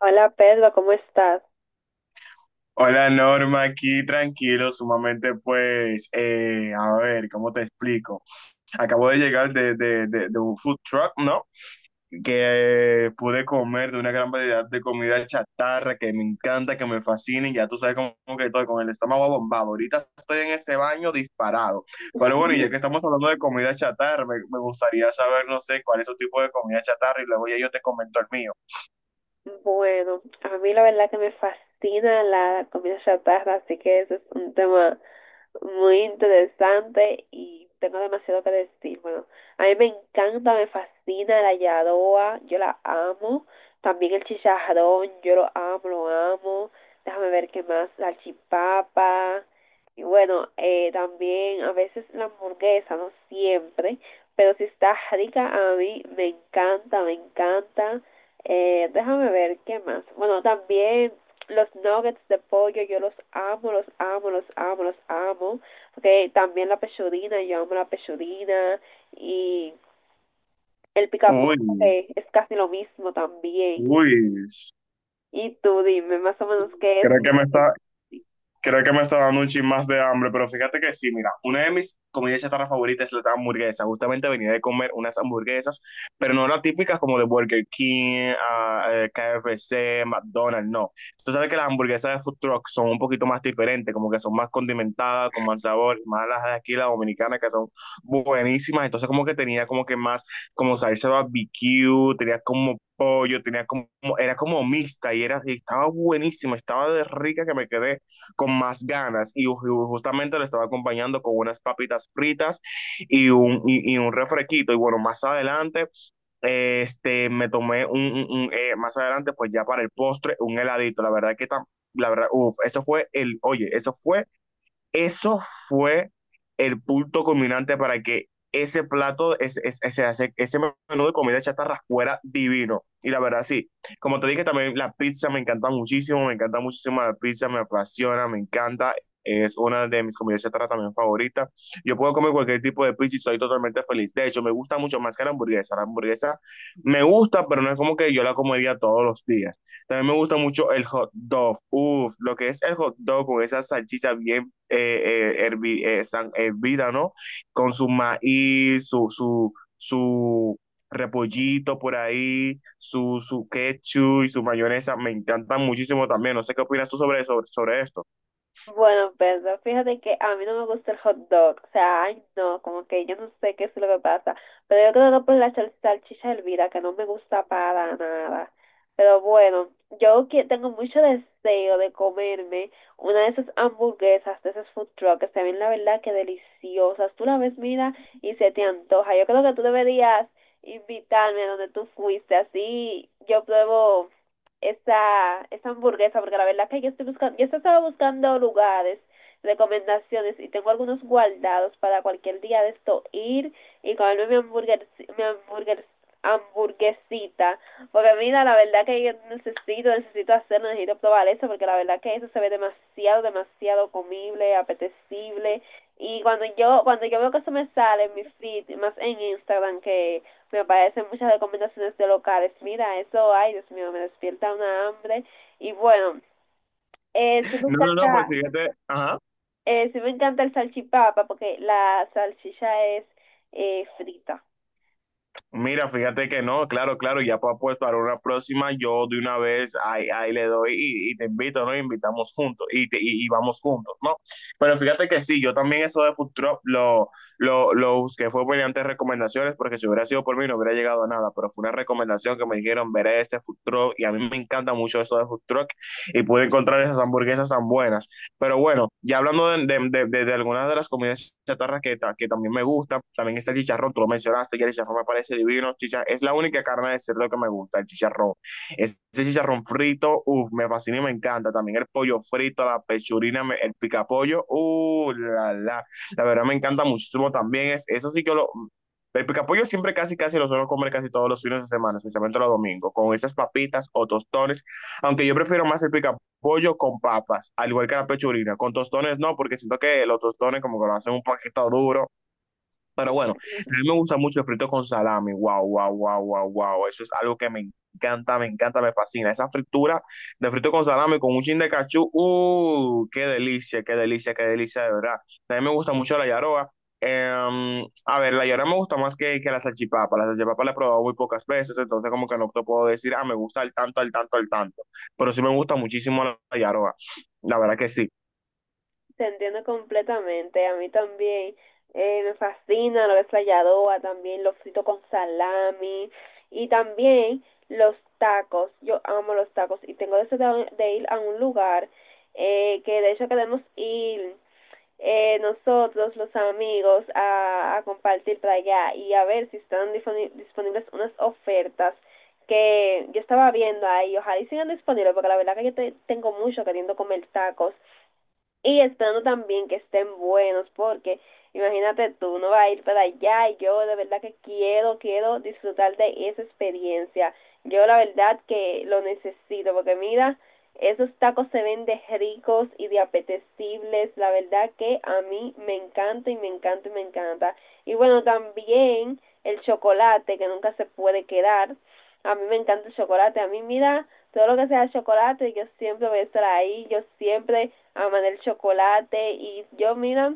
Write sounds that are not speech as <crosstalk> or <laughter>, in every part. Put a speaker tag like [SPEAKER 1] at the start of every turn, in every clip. [SPEAKER 1] Hola Pedro, ¿cómo estás?
[SPEAKER 2] Hola Norma, aquí tranquilo, sumamente pues, a ver, ¿cómo te explico? Acabo de llegar de un food truck, ¿no? Que Pude comer de una gran variedad de comida chatarra que me encanta, que me fascina y ya tú sabes cómo que estoy con el estómago bombado. Ahorita estoy en ese baño disparado. Pero bueno, y ya que estamos hablando de comida chatarra, me gustaría saber, no sé, cuál es tu tipo de comida chatarra y luego ya yo te comento el mío.
[SPEAKER 1] Bueno, a mí la verdad que me fascina la comida chatarra, así que ese es un tema muy interesante y tengo demasiado que decir. Bueno, a mí me encanta, me fascina la yadoa, yo la amo. También el chicharrón, yo lo amo, lo amo. Déjame ver qué más, la chipapa. Y bueno, también a veces la hamburguesa, no siempre, pero si está rica a mí, me encanta, me encanta. Déjame ver qué más. Bueno, también los nuggets de pollo yo los amo, los amo, los amo, los amo. Porque también la pechudina, yo amo la pechudina. Y el picaporte
[SPEAKER 2] Uy,
[SPEAKER 1] okay, es casi lo mismo también.
[SPEAKER 2] uy,
[SPEAKER 1] Y tú dime más o menos qué es
[SPEAKER 2] creo
[SPEAKER 1] lo
[SPEAKER 2] que me
[SPEAKER 1] que
[SPEAKER 2] está,
[SPEAKER 1] te...
[SPEAKER 2] Creo que me está dando un chin más de hambre, pero fíjate que sí, mira, una de mis comidas chatarra favoritas es la hamburguesa. Justamente venía de comer unas hamburguesas, pero no las típicas como de Burger King, KFC, McDonald's, no. Tú sabes que las hamburguesas de food truck son un poquito más diferentes, como que son más condimentadas, con más sabor, más las de aquí, las dominicanas, que son buenísimas. Entonces como que tenía como que más, como salsa barbecue, tenía como pollo, era como mixta y estaba buenísima, estaba de rica que me quedé con más ganas y justamente le estaba acompañando con unas papitas fritas y un refresquito. Y bueno, más adelante este, me tomé un más adelante, pues ya para el postre, un heladito. La verdad que tam, la verdad, uff, eso fue el, oye, eso fue el punto culminante para que ese plato, ese menú de comida chatarra fuera divino. Y la verdad, sí, como te dije, también la pizza me encanta muchísimo la pizza, me apasiona, me encanta. Es una de mis comidas chatarra también favoritas. Yo puedo comer cualquier tipo de pizza y estoy totalmente feliz. De hecho, me gusta mucho más que la hamburguesa. La hamburguesa me gusta, pero no es como que yo la comería todos los días. También me gusta mucho el hot dog. Uf, lo que es el hot dog con esa salchicha bien hervida, ¿no? Con su maíz, su repollito por ahí, su ketchup y su mayonesa, me encantan muchísimo también. No sé qué opinas tú sobre esto.
[SPEAKER 1] Bueno, Pedro, fíjate que a mí no me gusta el hot dog, o sea, ay no, como que yo no sé qué es lo que pasa, pero yo creo que por la salchicha hervida, que no me gusta para nada, pero bueno, yo que tengo mucho deseo de comerme una de esas hamburguesas, de esas food trucks, que se ven la verdad que deliciosas, tú la ves, mira, y se te antoja, yo creo que tú deberías invitarme a donde tú fuiste, así yo pruebo esa, esa hamburguesa, porque la verdad que yo estoy buscando, yo estaba buscando lugares, recomendaciones y tengo algunos guardados para cualquier día de esto ir y comerme mi hamburguer, hamburguesita, porque mira, la verdad que yo necesito, necesito hacerlo, necesito probar eso, porque la verdad que eso se ve demasiado, demasiado comible, apetecible, y cuando yo veo que eso me sale en mi feed, más en Instagram, que me aparecen muchas recomendaciones de locales. Mira, eso, ay, Dios mío, me despierta una hambre. Y bueno, eh, sí me
[SPEAKER 2] No, no, no, pues
[SPEAKER 1] encanta,
[SPEAKER 2] fíjate, ajá.
[SPEAKER 1] sí me encanta el salchipapa porque la salchicha es frita.
[SPEAKER 2] Mira, fíjate que no, claro, claro, ya para pues, para una próxima, yo de una vez ahí, ahí le doy y te invito, ¿no? Y invitamos juntos y y vamos juntos, ¿no? Pero fíjate que sí, yo también eso de food truck lo busqué, fue mediante recomendaciones, porque si hubiera sido por mí no hubiera llegado a nada, pero fue una recomendación que me dijeron, veré este food truck y a mí me encanta mucho eso de food truck y pude encontrar esas hamburguesas tan buenas. Pero bueno, ya hablando de algunas de las comidas chatarras que también me gusta, también está el chicharrón, tú lo mencionaste, que el chicharrón me parece divino. Es la única carne de cerdo que me gusta, el chicharrón. Ese chicharrón frito, uff, me fascina y me encanta. También el pollo frito, la pechurina, el picapollo, la verdad me encanta muchísimo también. Es, eso sí que lo... El picapollo siempre casi casi lo suelo comer casi todos los fines de semana, especialmente los domingos, con esas papitas o tostones, aunque yo prefiero más el picapollo pollo con papas, al igual que la pechurina. Con tostones no, porque siento que los tostones como que lo hacen un poquito duro, pero bueno,
[SPEAKER 1] Ujú.
[SPEAKER 2] también me gusta mucho el frito con salami. Wow, wow, wow, wow, wow. Eso es algo que me encanta, me encanta, me fascina. Esa fritura de frito con salami con un chin de cachú. Qué delicia, qué delicia, qué delicia, de verdad. También me gusta mucho la yaroa. La yaroa me gusta más que la salchipapa. La salchipapa la he probado muy pocas veces, entonces como que no te puedo decir, ah, me gusta al tanto, al tanto, al tanto. Pero sí me gusta muchísimo la yaroa. La verdad que sí.
[SPEAKER 1] Te entiendo completamente, a mí también. Me fascina lo que es la yadoa, también lo frito con salami y también los tacos. Yo amo los tacos y tengo deseo de, ir a un lugar que de hecho queremos ir, nosotros, los amigos, a compartir para allá y a ver si están disponibles unas ofertas que yo estaba viendo ahí. Ojalá y sigan disponibles, porque la verdad que yo te, tengo mucho queriendo comer tacos y esperando también que estén buenos, porque imagínate tú, no va a ir para allá y yo de verdad que quiero, quiero disfrutar de esa experiencia. Yo la verdad que lo necesito, porque mira, esos tacos se ven de ricos y de apetecibles, la verdad que a mí me encanta y me encanta y me encanta. Y bueno, también el chocolate, que nunca se puede quedar. A mí me encanta el chocolate, a mí mira, todo lo que sea chocolate, yo siempre voy a estar ahí, yo siempre aman el chocolate y yo, mira,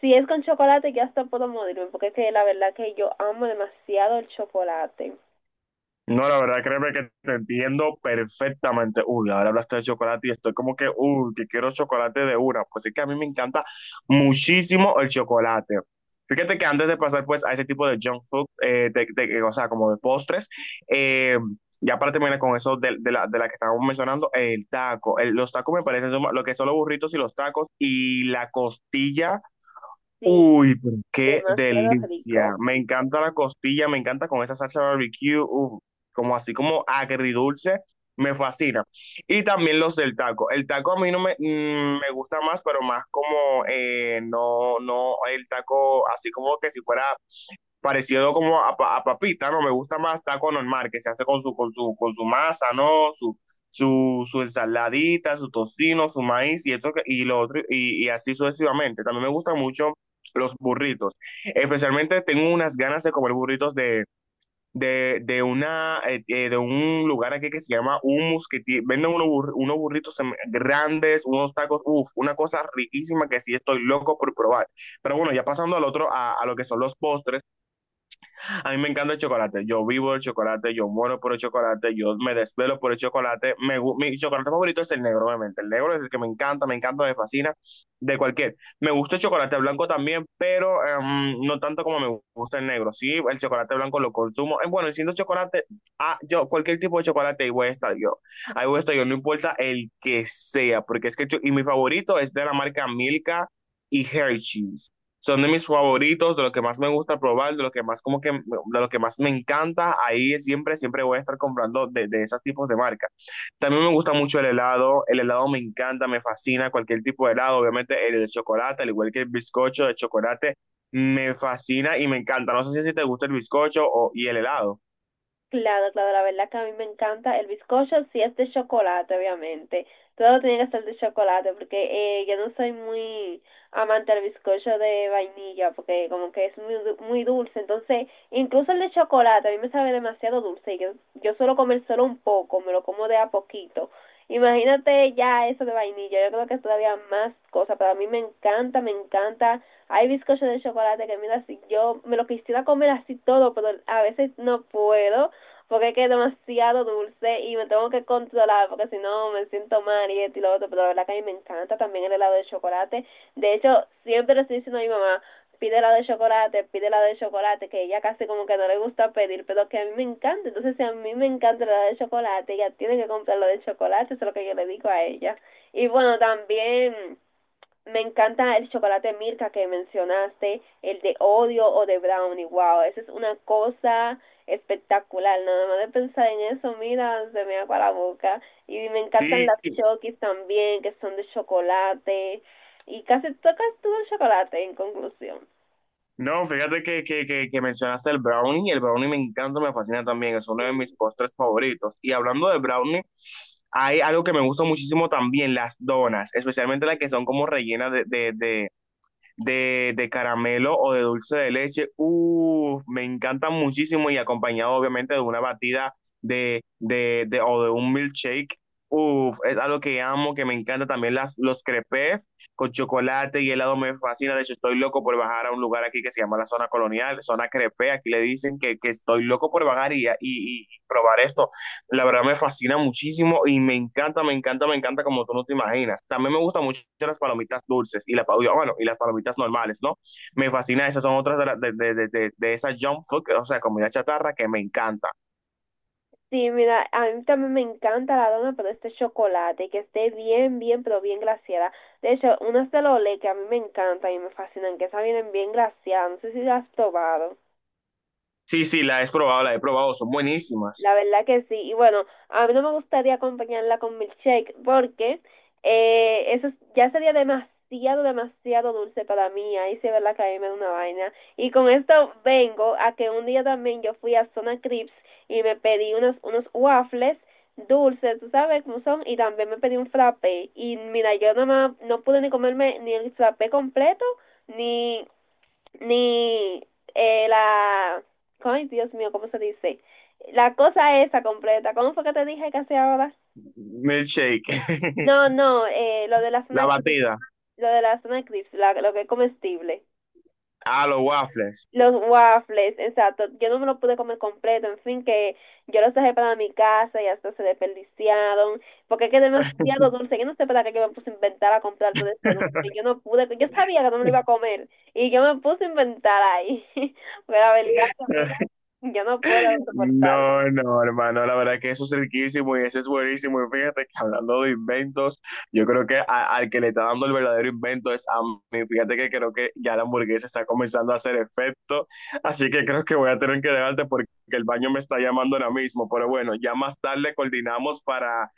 [SPEAKER 1] si es con chocolate ya hasta puedo morirme, porque es que la verdad que yo amo demasiado el chocolate.
[SPEAKER 2] No, la verdad, créeme que te entiendo perfectamente. Uy, ahora hablaste de chocolate y estoy como que, uy, que quiero chocolate de una. Pues es que a mí me encanta muchísimo el chocolate. Fíjate que antes de pasar pues a ese tipo de junk food, o sea, como de postres, eh, ya para terminar con eso de la que estábamos mencionando, el taco. El- los tacos me parecen lo que son los burritos y los tacos y la costilla.
[SPEAKER 1] Sí,
[SPEAKER 2] Uy, pero qué
[SPEAKER 1] demasiado
[SPEAKER 2] delicia.
[SPEAKER 1] rico.
[SPEAKER 2] Me encanta la costilla, me encanta con esa salsa barbecue, uf, como así como agridulce, me fascina. Y también los del taco. El taco a mí no me, mm, me gusta más, pero más como, no, no, el taco así como que si fuera parecido como a papita, ¿no? Me gusta más taco normal, que se hace con con su masa, ¿no? Su ensaladita, su tocino, su maíz y y lo otro, y así sucesivamente. También me gustan mucho los burritos. Especialmente tengo unas ganas de comer burritos de una, de un lugar aquí que se llama Humus, que venden unos burritos grandes, unos tacos, uff, una cosa riquísima que sí estoy loco por probar. Pero bueno, ya pasando al otro, a lo que son los postres. A mí me encanta el chocolate. Yo vivo el chocolate, yo muero por el chocolate, yo me desvelo por el chocolate. Me mi chocolate favorito es el negro, obviamente. El negro es el que me encanta, me encanta, me fascina, de cualquier. Me gusta el chocolate blanco también, pero em, no tanto como me gusta el negro. Sí, el chocolate blanco lo consumo. Bueno, siendo chocolate, ah, yo, cualquier tipo de chocolate, ahí voy a estar yo. Ahí voy a estar yo, no importa el que sea, porque es que, y mi favorito es de la marca Milka y Hershey's. Son de mis favoritos, de lo que más me gusta probar, de lo que más como que, de lo que más me encanta. Ahí siempre, siempre voy a estar comprando de esos tipos de marcas. También me gusta mucho el helado. El helado me encanta, me fascina. Cualquier tipo de helado, obviamente el de chocolate, al igual que el bizcocho de chocolate, me fascina y me encanta. No sé si a ti te gusta el bizcocho o, y el helado.
[SPEAKER 1] Claro, claro, la verdad que a mí me encanta el bizcocho si es de chocolate, obviamente. Todo tiene que ser de chocolate, porque yo no soy muy amante del bizcocho de vainilla, porque como que es muy, muy dulce. Entonces, incluso el de chocolate a mí me sabe demasiado dulce y yo suelo comer solo un poco, me lo como de a poquito. Imagínate ya eso de vainilla, yo creo que es todavía más cosa, pero a mí me encanta, me encanta. Hay bizcochos de chocolate que mira, si yo me lo quisiera comer así todo, pero a veces no puedo porque es que es demasiado dulce y me tengo que controlar porque si no me siento mal y esto y lo otro, pero la verdad que a mí me encanta también el helado de chocolate. De hecho, siempre lo estoy diciendo a mi mamá, pide la de chocolate, pide la de chocolate, que ella casi como que no le gusta pedir, pero que a mí me encanta. Entonces, si a mí me encanta la de chocolate, ella tiene que comprar la de chocolate, eso es lo que yo le digo a ella. Y bueno, también me encanta el chocolate Mirka que mencionaste, el de odio o de brownie, wow, esa es una cosa espectacular, nada más de pensar en eso, mira, se me agua la boca. Y me encantan
[SPEAKER 2] Sí.
[SPEAKER 1] las chokis también, que son de chocolate, y casi tocas todo el chocolate en conclusión.
[SPEAKER 2] No, fíjate que mencionaste el brownie me encanta, me fascina también, es uno de mis
[SPEAKER 1] Sí.
[SPEAKER 2] postres favoritos. Y hablando de brownie, hay algo que me gusta muchísimo también, las donas, especialmente las que son como rellenas de caramelo o de dulce de leche. Me encantan muchísimo y acompañado obviamente de una batida de o de un milkshake. Uf, es algo que amo, que me encanta también los crepes con chocolate y helado me fascina. De hecho, estoy loco por bajar a un lugar aquí que se llama la zona colonial, zona crepe. Aquí le dicen que estoy loco por bajar y probar esto. La verdad me fascina muchísimo y me encanta, me encanta, me encanta como tú no te imaginas. También me gustan mucho las palomitas dulces, bueno, y las palomitas normales, ¿no? Me fascina, esas son otras de, la- de esa junk food, o sea, comida chatarra que me encanta.
[SPEAKER 1] Sí, mira, a mí también me encanta la dona, pero este chocolate, que esté bien, bien, pero bien glaseada. De hecho, unas de Lolé que a mí me encantan y me fascinan, que esas vienen bien glaseadas, no sé si las has probado.
[SPEAKER 2] Sí, sí, la he probado, son buenísimas.
[SPEAKER 1] La verdad que sí. Y bueno, a mí no me gustaría acompañarla con milkshake porque eso es- ya sería demasiado, demasiado dulce para mí. Ahí sí es verdad que a mí me da una vaina. Y con esto vengo a que un día también yo fui a Zona Crips y me pedí unos, unos waffles dulces, tú sabes cómo son, y también me pedí un frappé. Y mira, yo nada más no pude ni comerme ni el frappé completo, ni, ni la... Ay, Dios mío, ¿cómo se dice? La cosa esa completa. ¿Cómo fue que te dije que hacía ahora?
[SPEAKER 2] Milkshake, <laughs>
[SPEAKER 1] No, no, lo de la zona de
[SPEAKER 2] la
[SPEAKER 1] eclipse,
[SPEAKER 2] batida,
[SPEAKER 1] lo de la zona de eclipse, lo que es comestible.
[SPEAKER 2] a los waffles.
[SPEAKER 1] Los waffles, exacto. Yo no me lo pude comer completo, en fin, que yo los dejé para mi casa y hasta se desperdiciaron, porque es que es demasiado dulce. Yo no sé para qué yo me puse a inventar a comprar todo ese dulce. Yo
[SPEAKER 2] <laughs>
[SPEAKER 1] no pude, yo sabía que no me lo iba a comer y yo me puse a inventar ahí. <laughs> Pero la verdad, que mira, yo no puedo soportarlo.
[SPEAKER 2] No, no, hermano, la verdad que eso es riquísimo y eso es buenísimo. Y fíjate que hablando de inventos, yo creo que al que le está dando el verdadero invento es a mí. Fíjate que creo que ya la hamburguesa está comenzando a hacer efecto, así que creo que voy a tener que dejarte porque el baño me está llamando ahora mismo. Pero bueno, ya más tarde coordinamos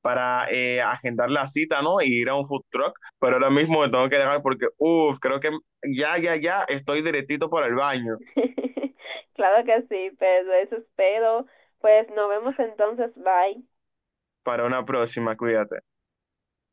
[SPEAKER 2] para agendar la cita, ¿no? Y ir a un food truck, pero ahora mismo me tengo que dejar porque, uff, creo que ya estoy directito para el baño.
[SPEAKER 1] <laughs> Claro que sí, pero eso espero. Pues nos vemos entonces, bye.
[SPEAKER 2] Para una próxima, cuídate.